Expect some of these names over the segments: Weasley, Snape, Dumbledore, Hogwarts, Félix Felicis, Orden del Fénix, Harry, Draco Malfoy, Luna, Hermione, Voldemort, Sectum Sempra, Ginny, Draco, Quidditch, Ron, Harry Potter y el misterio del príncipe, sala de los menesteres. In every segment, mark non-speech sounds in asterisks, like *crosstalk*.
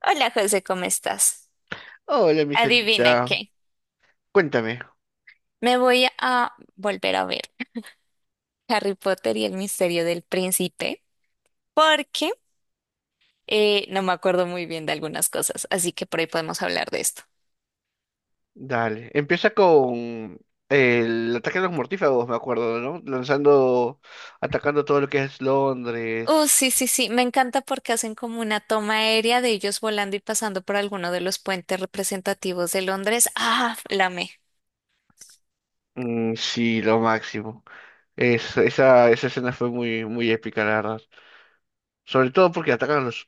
Hola José, ¿cómo estás? Hola, mi Adivina Sarita. qué. Cuéntame. Me voy a volver a ver Harry Potter y el misterio del príncipe porque no me acuerdo muy bien de algunas cosas, así que por ahí podemos hablar de esto. Dale. Empieza con el ataque a los mortífagos, me acuerdo, ¿no? Lanzando, atacando todo lo que es Sí, Londres. sí, sí, me encanta porque hacen como una toma aérea de ellos volando y pasando por alguno de los puentes representativos de Londres. Ah, la amé. Mm, sí, lo máximo. Esa escena fue muy, muy épica, la verdad. Sobre todo porque atacan a los...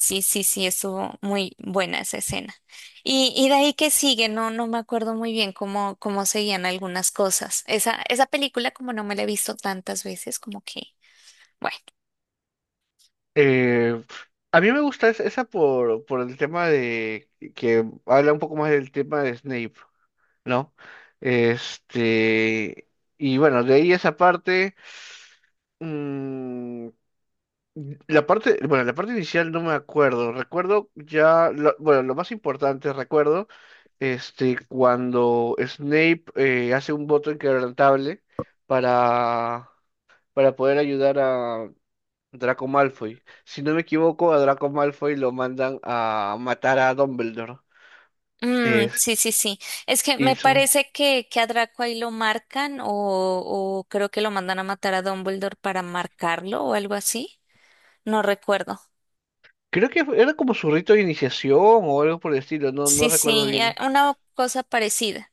Sí, sí, sí, estuvo muy buena esa escena. Y de ahí que sigue, no, no me acuerdo muy bien cómo, cómo seguían algunas cosas. Esa película, como no me la he visto tantas veces, como que, bueno. Eh, a mí me gusta esa por el tema de... que habla un poco más del tema de Snape, ¿no? Este... Y bueno, de ahí esa parte... Mm, la parte, bueno, la parte inicial no me acuerdo. Recuerdo ya, lo más importante recuerdo, este, cuando Snape hace un voto inquebrantable para, para poder ayudar a Draco Malfoy. Si no me equivoco, a Draco Malfoy lo mandan a matar a Dumbledore. Mm, Es, sí, sí, sí. Es que y me su, parece que a Draco ahí lo marcan o creo que lo mandan a matar a Dumbledore para marcarlo o algo así. No recuerdo. Era como su rito de iniciación o algo por el estilo, no, no Sí, recuerdo sí, bien. una cosa parecida.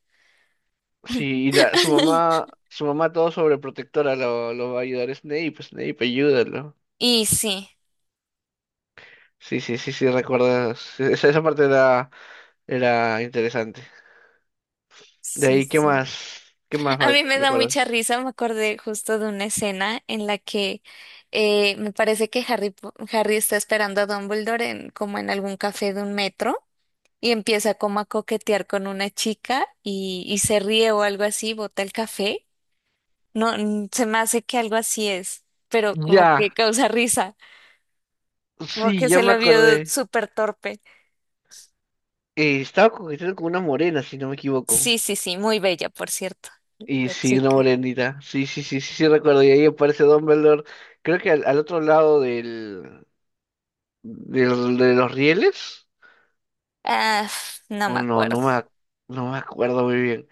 Sí, y la, *laughs* su mamá todo sobreprotectora lo va a ayudar. Snape, pues Snape, ayúdalo. Y sí, Sí, sí, sí, sí, recuerdas. Esa parte era, era interesante. De sí, ahí, ¿qué sí. más? ¿Qué más A mal mí me da mucha recuerdas? risa, me acordé justo de una escena en la que me parece que Harry está esperando a Dumbledore en, como en algún café de un metro y empieza como a coquetear con una chica y se ríe o algo así, bota el café. No, mm, se me hace que algo así es, pero como que Ya, causa risa, como sí, que ya se me lo vio acordé. súper torpe. Estaba coqueteando con una morena, si no me equivoco. Sí, sí, sí, muy bella, por cierto, Y la sí, una chica. morenita. Sí, sí, sí, sí, sí, recuerdo. Y ahí aparece Dumbledore. Creo que al, al otro lado del, del, de los rieles. Ah, no O me no, acuerdo. No me acuerdo muy bien.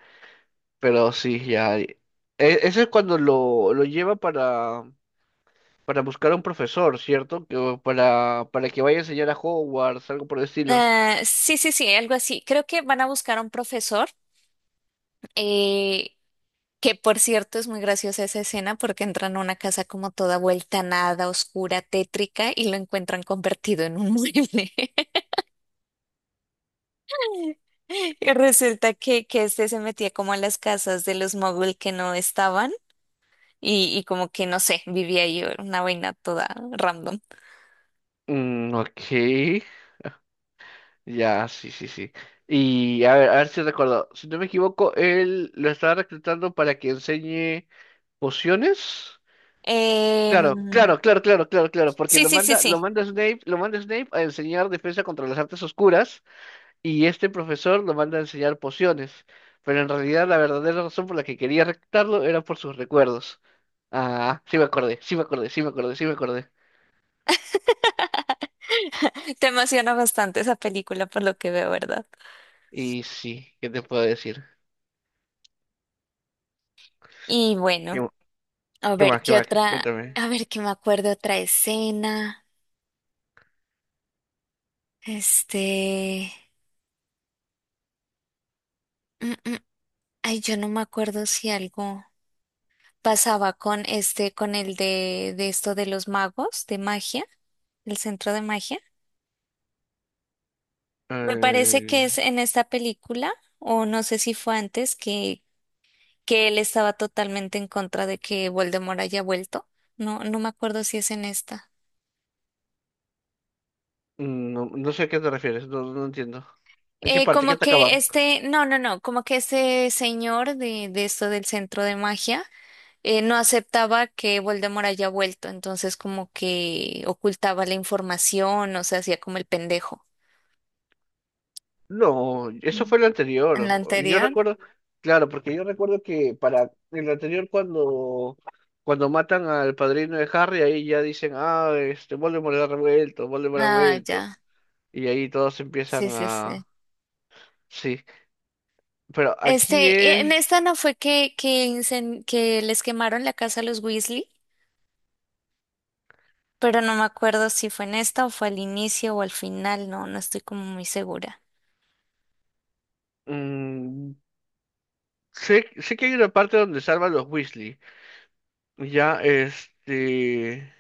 Pero sí, ya. Ese es cuando lo lleva para buscar a un profesor, ¿cierto? Que, o para que vaya a enseñar a Hogwarts, algo por el estilo. Ah, sí, sí, sí, algo así. Creo que van a buscar a un profesor, eh, que por cierto es muy graciosa esa escena porque entran a una casa como toda vuelta a nada, oscura, tétrica y lo encuentran convertido en un mueble. *laughs* Y resulta que este se metía como a las casas de los mogul que no estaban y como que no sé, vivía ahí una vaina toda random. Mm, ok. Ya, sí, sí, sí. Y a ver si recuerdo. Si no me equivoco, él lo estaba reclutando para que enseñe pociones. Claro, Em, claro, claro, claro, claro, claro, porque sí, sí, sí, sí. Lo manda Snape a enseñar defensa contra las artes oscuras. Y este profesor lo manda a enseñar pociones, pero en realidad la verdadera razón por la que quería reclutarlo era por sus recuerdos. Ah, sí me acordé, sí me acordé, sí me acordé, sí me acordé. Te emociona bastante esa película por lo que veo, ¿verdad? Y sí, ¿qué te puedo decir? Y bueno. ¿Qué, A qué ver, más, qué ¿qué más? otra? Cuéntame. A ver, que me acuerdo otra escena. Este. Mm, mm, ay, yo no me acuerdo si algo pasaba con este, con el de esto de los magos, de magia, el centro de magia. Me parece Eh, que es en esta película, o no sé si fue antes, que él estaba totalmente en contra de que Voldemort haya vuelto. No, no me acuerdo si es en esta. no, no sé a qué te refieres, no, no entiendo. ¿En qué parte? ¿Qué Como que atacaban? este, no, no, no, como que ese señor de esto del centro de magia no aceptaba que Voldemort haya vuelto, entonces como que ocultaba la información, o sea, hacía como el pendejo. No, eso Mm. fue lo ¿En la anterior. Yo anterior? recuerdo, claro, porque yo recuerdo que para el anterior cuando cuando matan al padrino de Harry, ahí ya dicen, ah, este Voldemort ha revuelto, Voldemort ha Ah, vuelto. ya. Y ahí todos empiezan Sí, sí, sí. a... Sí, pero aquí Este, y es... en esta no fue que que les quemaron la casa a los Weasley, pero no me acuerdo si fue en esta o fue al inicio o al final, no, no estoy como muy segura. mm, sé, sé que hay una parte donde salvan los Weasley. Ya, este...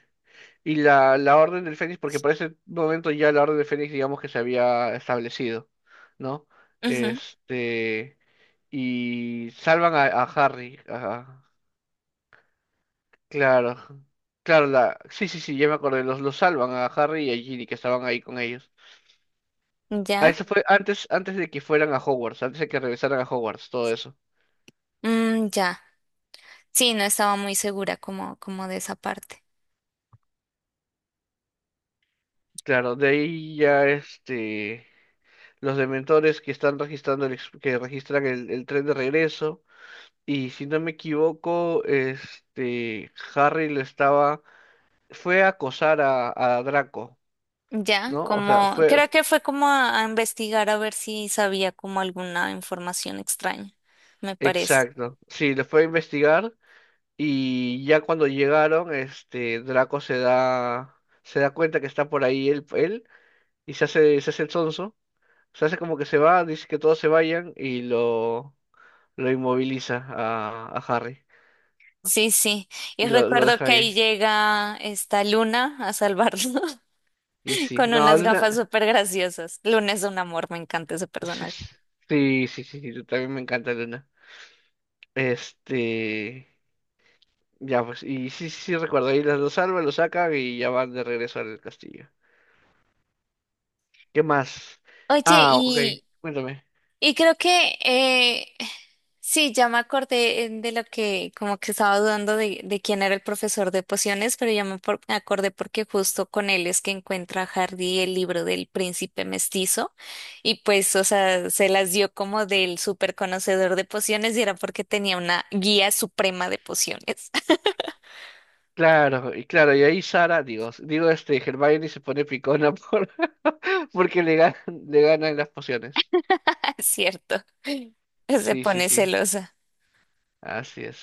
Y la, la Orden del Fénix, porque por ese momento ya la Orden del Fénix, digamos que se había establecido, ¿no? Ujú. Este, y salvan a Harry, ajá, claro, claro, la, sí, sí, sí, ya me acordé, los salvan a Harry y a Ginny que estaban ahí con ellos. Ah, ¿Ya? eso fue antes, antes de que fueran a Hogwarts, antes de que regresaran a Hogwarts, todo eso. Mm, ya. Sí, no estaba muy segura como, como de esa parte. Claro, de ahí ya este, los dementores que están registrando que registran el tren de regreso. Y si no me equivoco, este Harry lo estaba, fue a acosar a Draco, Ya, ¿no? O sea, como, fue, creo que fue como a investigar a ver si sabía como alguna información extraña, me parece. exacto, sí, le fue a investigar y ya cuando llegaron, este Draco se da cuenta que está por ahí él, él y se hace el sonso, se hace como que se va, dice que todos se vayan y lo inmoviliza a Harry Sí, sí. Y y lo recuerdo deja que ahí. ahí llega esta Luna a salvarlo *laughs* Y sí, con no, unas gafas Luna, súper graciosas. Luna es un amor, me encanta ese sí, personaje. sí, sí, sí, sí, también me encanta Luna. Este, ya pues, y sí, sí, sí, recuerdo, ahí los salva, los sacan y ya van de regreso al castillo. ¿Qué más? Oye, Ah, ok, y cuéntame. Y creo que sí, ya me acordé de lo que como que estaba dudando de quién era el profesor de pociones, pero ya me acordé porque justo con él es que encuentra Hardy el libro del príncipe mestizo y pues, o sea, se las dio como del súper conocedor de pociones y era porque tenía una guía suprema de pociones, Claro, y claro, y ahí Sara, digo, digo este, Hermione se pone picona por, *laughs* porque le ganan las pociones. *laughs* ¿cierto? Se Sí, sí, pone sí, celosa. así es.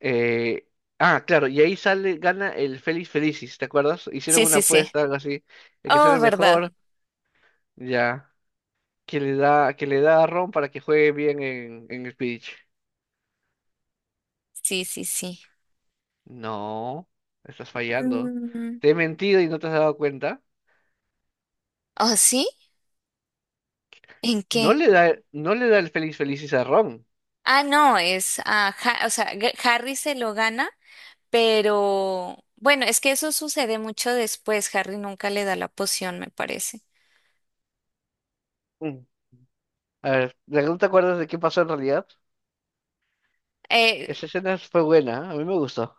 Eh, ah, claro, y ahí sale, gana el Feliz Felicis, ¿te acuerdas? Hicieron Sí, una sí, sí. apuesta, algo así, el que sale Oh, ¿verdad? mejor, ya. Que le da, que le da a Ron para que juegue bien en el pitch. Sí, sí, sí. No, estás fallando. Mm. Te he mentido y no te has dado cuenta. ¿Oh, sí? ¿En No qué? le da, no le da el feliz felices a Ron. Ah, no, es, ah, o sea, Harry se lo gana, pero bueno, es que eso sucede mucho después. Harry nunca le da la poción, me parece. Mm. A ver, ¿no te acuerdas de qué pasó en realidad? Eh, Esa escena fue buena, a mí me gustó.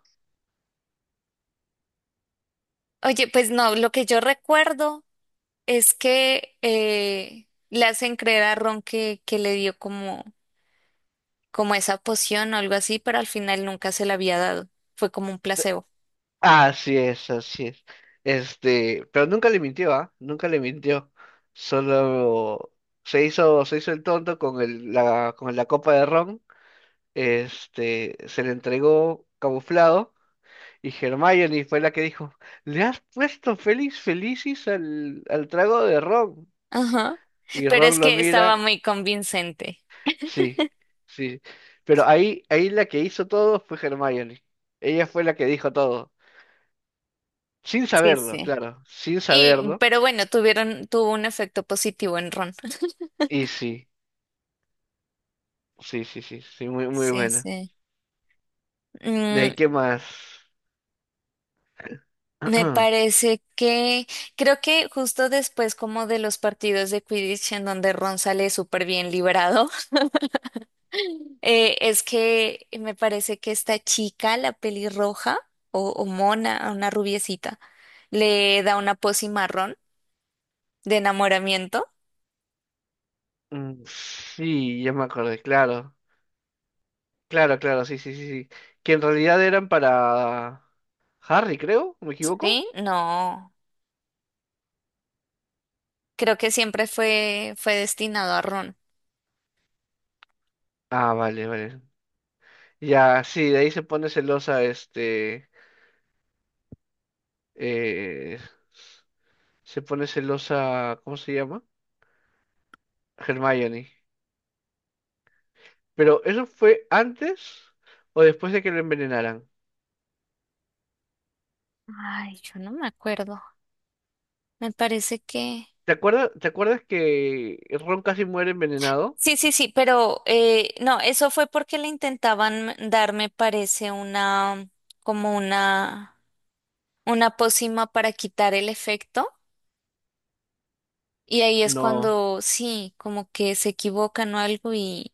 oye, pues no, lo que yo recuerdo es que le hacen creer a Ron que le dio como, como esa poción o algo así, pero al final nunca se la había dado. Fue como un placebo. Así es, así es. Este, pero nunca le mintió, ¿ah? Nunca le mintió. Solo se hizo el tonto con el, la, con la copa de ron. Este, se le entregó camuflado. Y Hermione fue la que dijo, le has puesto Félix Felicis al, al trago de Ron. Ajá. Y Pero Ron es lo que mira, estaba muy convincente. sí, sí. Pero ahí, ahí la que hizo todo fue Hermione. Ella fue la que dijo todo. Sin Sí, saberlo, sí. claro, sin Y, saberlo. pero bueno, tuvieron, tuvo un efecto positivo en Ron. Y sí, sí, sí, sí, sí, muy, muy Sí, buena. sí. De Mm, ahí, ¿qué más? me *clears throat* parece que creo que justo después como de los partidos de Quidditch en donde Ron sale súper bien liberado, *laughs* es que me parece que esta chica, la pelirroja o mona, una rubiecita, le da una pócima a Ron de enamoramiento. Mm, sí, ya me acordé, claro. Claro, claro, sí, sí, sí, sí. Que en realidad eran para Harry, creo, ¿me equivoco? ¿Sí? No, creo que siempre fue, fue destinado a Ron. Ah, vale, vale. Ya, sí, de ahí se pone celosa, este, eh, se pone celosa, ¿cómo se llama? Hermione. Pero ¿eso fue antes o después de que lo envenenaran? Ay, yo no me acuerdo. Me parece que... Te acuerdas que Ron casi muere envenenado? Sí, sí, sí, pero no, eso fue porque le intentaban dar, me parece, una, como una pócima para quitar el efecto. Y ahí es No, cuando, sí, como que se equivocan o algo y...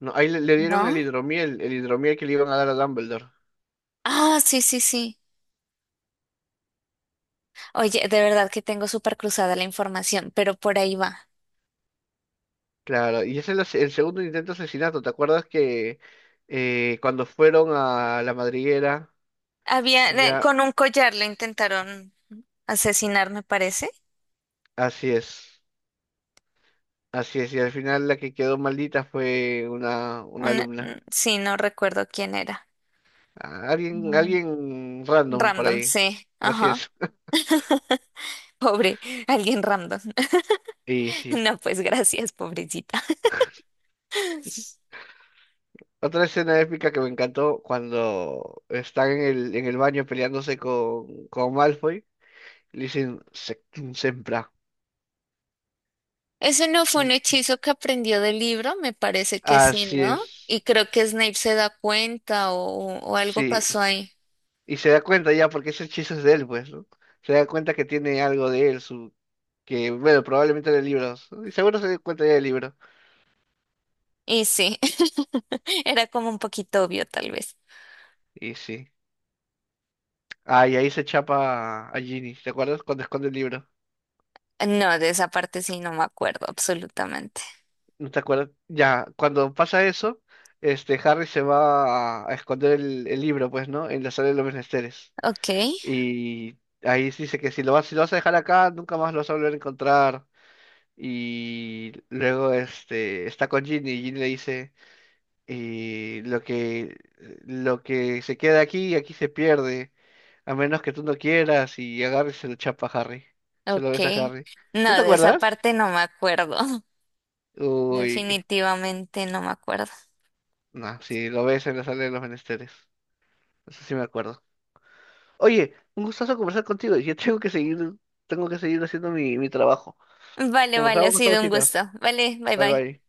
no, ahí le, le dieron ¿No? El hidromiel que le iban a dar a Dumbledore. Ah, sí, sí, sí. Oye, de verdad que tengo súper cruzada la información, pero por ahí va. Claro, y ese es el, el segundo intento de asesinato. ¿Te acuerdas que cuando fueron a la madriguera, Había, ya, con un collar le intentaron asesinar, me parece. así es. Así es, y al final la que quedó maldita fue una Mm, alumna. sí, no recuerdo quién era. Alguien, Mm. alguien random por Random, ahí. sí. Así Ajá. es. Pobre, alguien random. *laughs* *laughs* Y sí. No, pues gracias, pobrecita. Otra escena épica que me encantó cuando están en el baño peleándose con Malfoy. Le dicen Sectum Sempra. Ese no fue Y un hechizo que aprendió del libro, me parece que sí, así ¿no? es. Y creo que Snape se da cuenta o algo Sí. pasó ahí. Y se da cuenta ya, porque ese hechizo es de él, pues, ¿no? Se da cuenta que tiene algo de él, su, que, bueno, probablemente de libros. ¿No? Y seguro se da cuenta ya del libro. Y sí, *laughs* era como un poquito obvio, tal vez. Y sí. Ah, y ahí se chapa a Ginny, ¿te acuerdas? Cuando esconde el libro. No, de esa parte sí no me acuerdo, absolutamente. ¿No te acuerdas? Ya, cuando pasa eso, este Harry se va a esconder el libro, pues, ¿no? En la sala de los menesteres. Ok, Y ahí dice que si lo vas, si lo vas a dejar acá, nunca más lo vas a volver a encontrar. Y luego este está con Ginny y Ginny le dice y lo que se queda aquí, aquí se pierde, a menos que tú no quieras, y agarre y se lo chapa a Harry. Se lo ok. besa a Harry. No, ¿No te de esa acuerdas? parte no me acuerdo. *laughs* Uy, que... Definitivamente no me acuerdo. No, sí, lo ves en la sala de los menesteres. Eso sí me acuerdo. Oye, un gustazo conversar contigo. Yo *laughs* tengo que seguir haciendo mi, mi trabajo. Vale, vale, ha Conversamos con esta sido un cita. gusto. Vale, bye Bye bye. bye.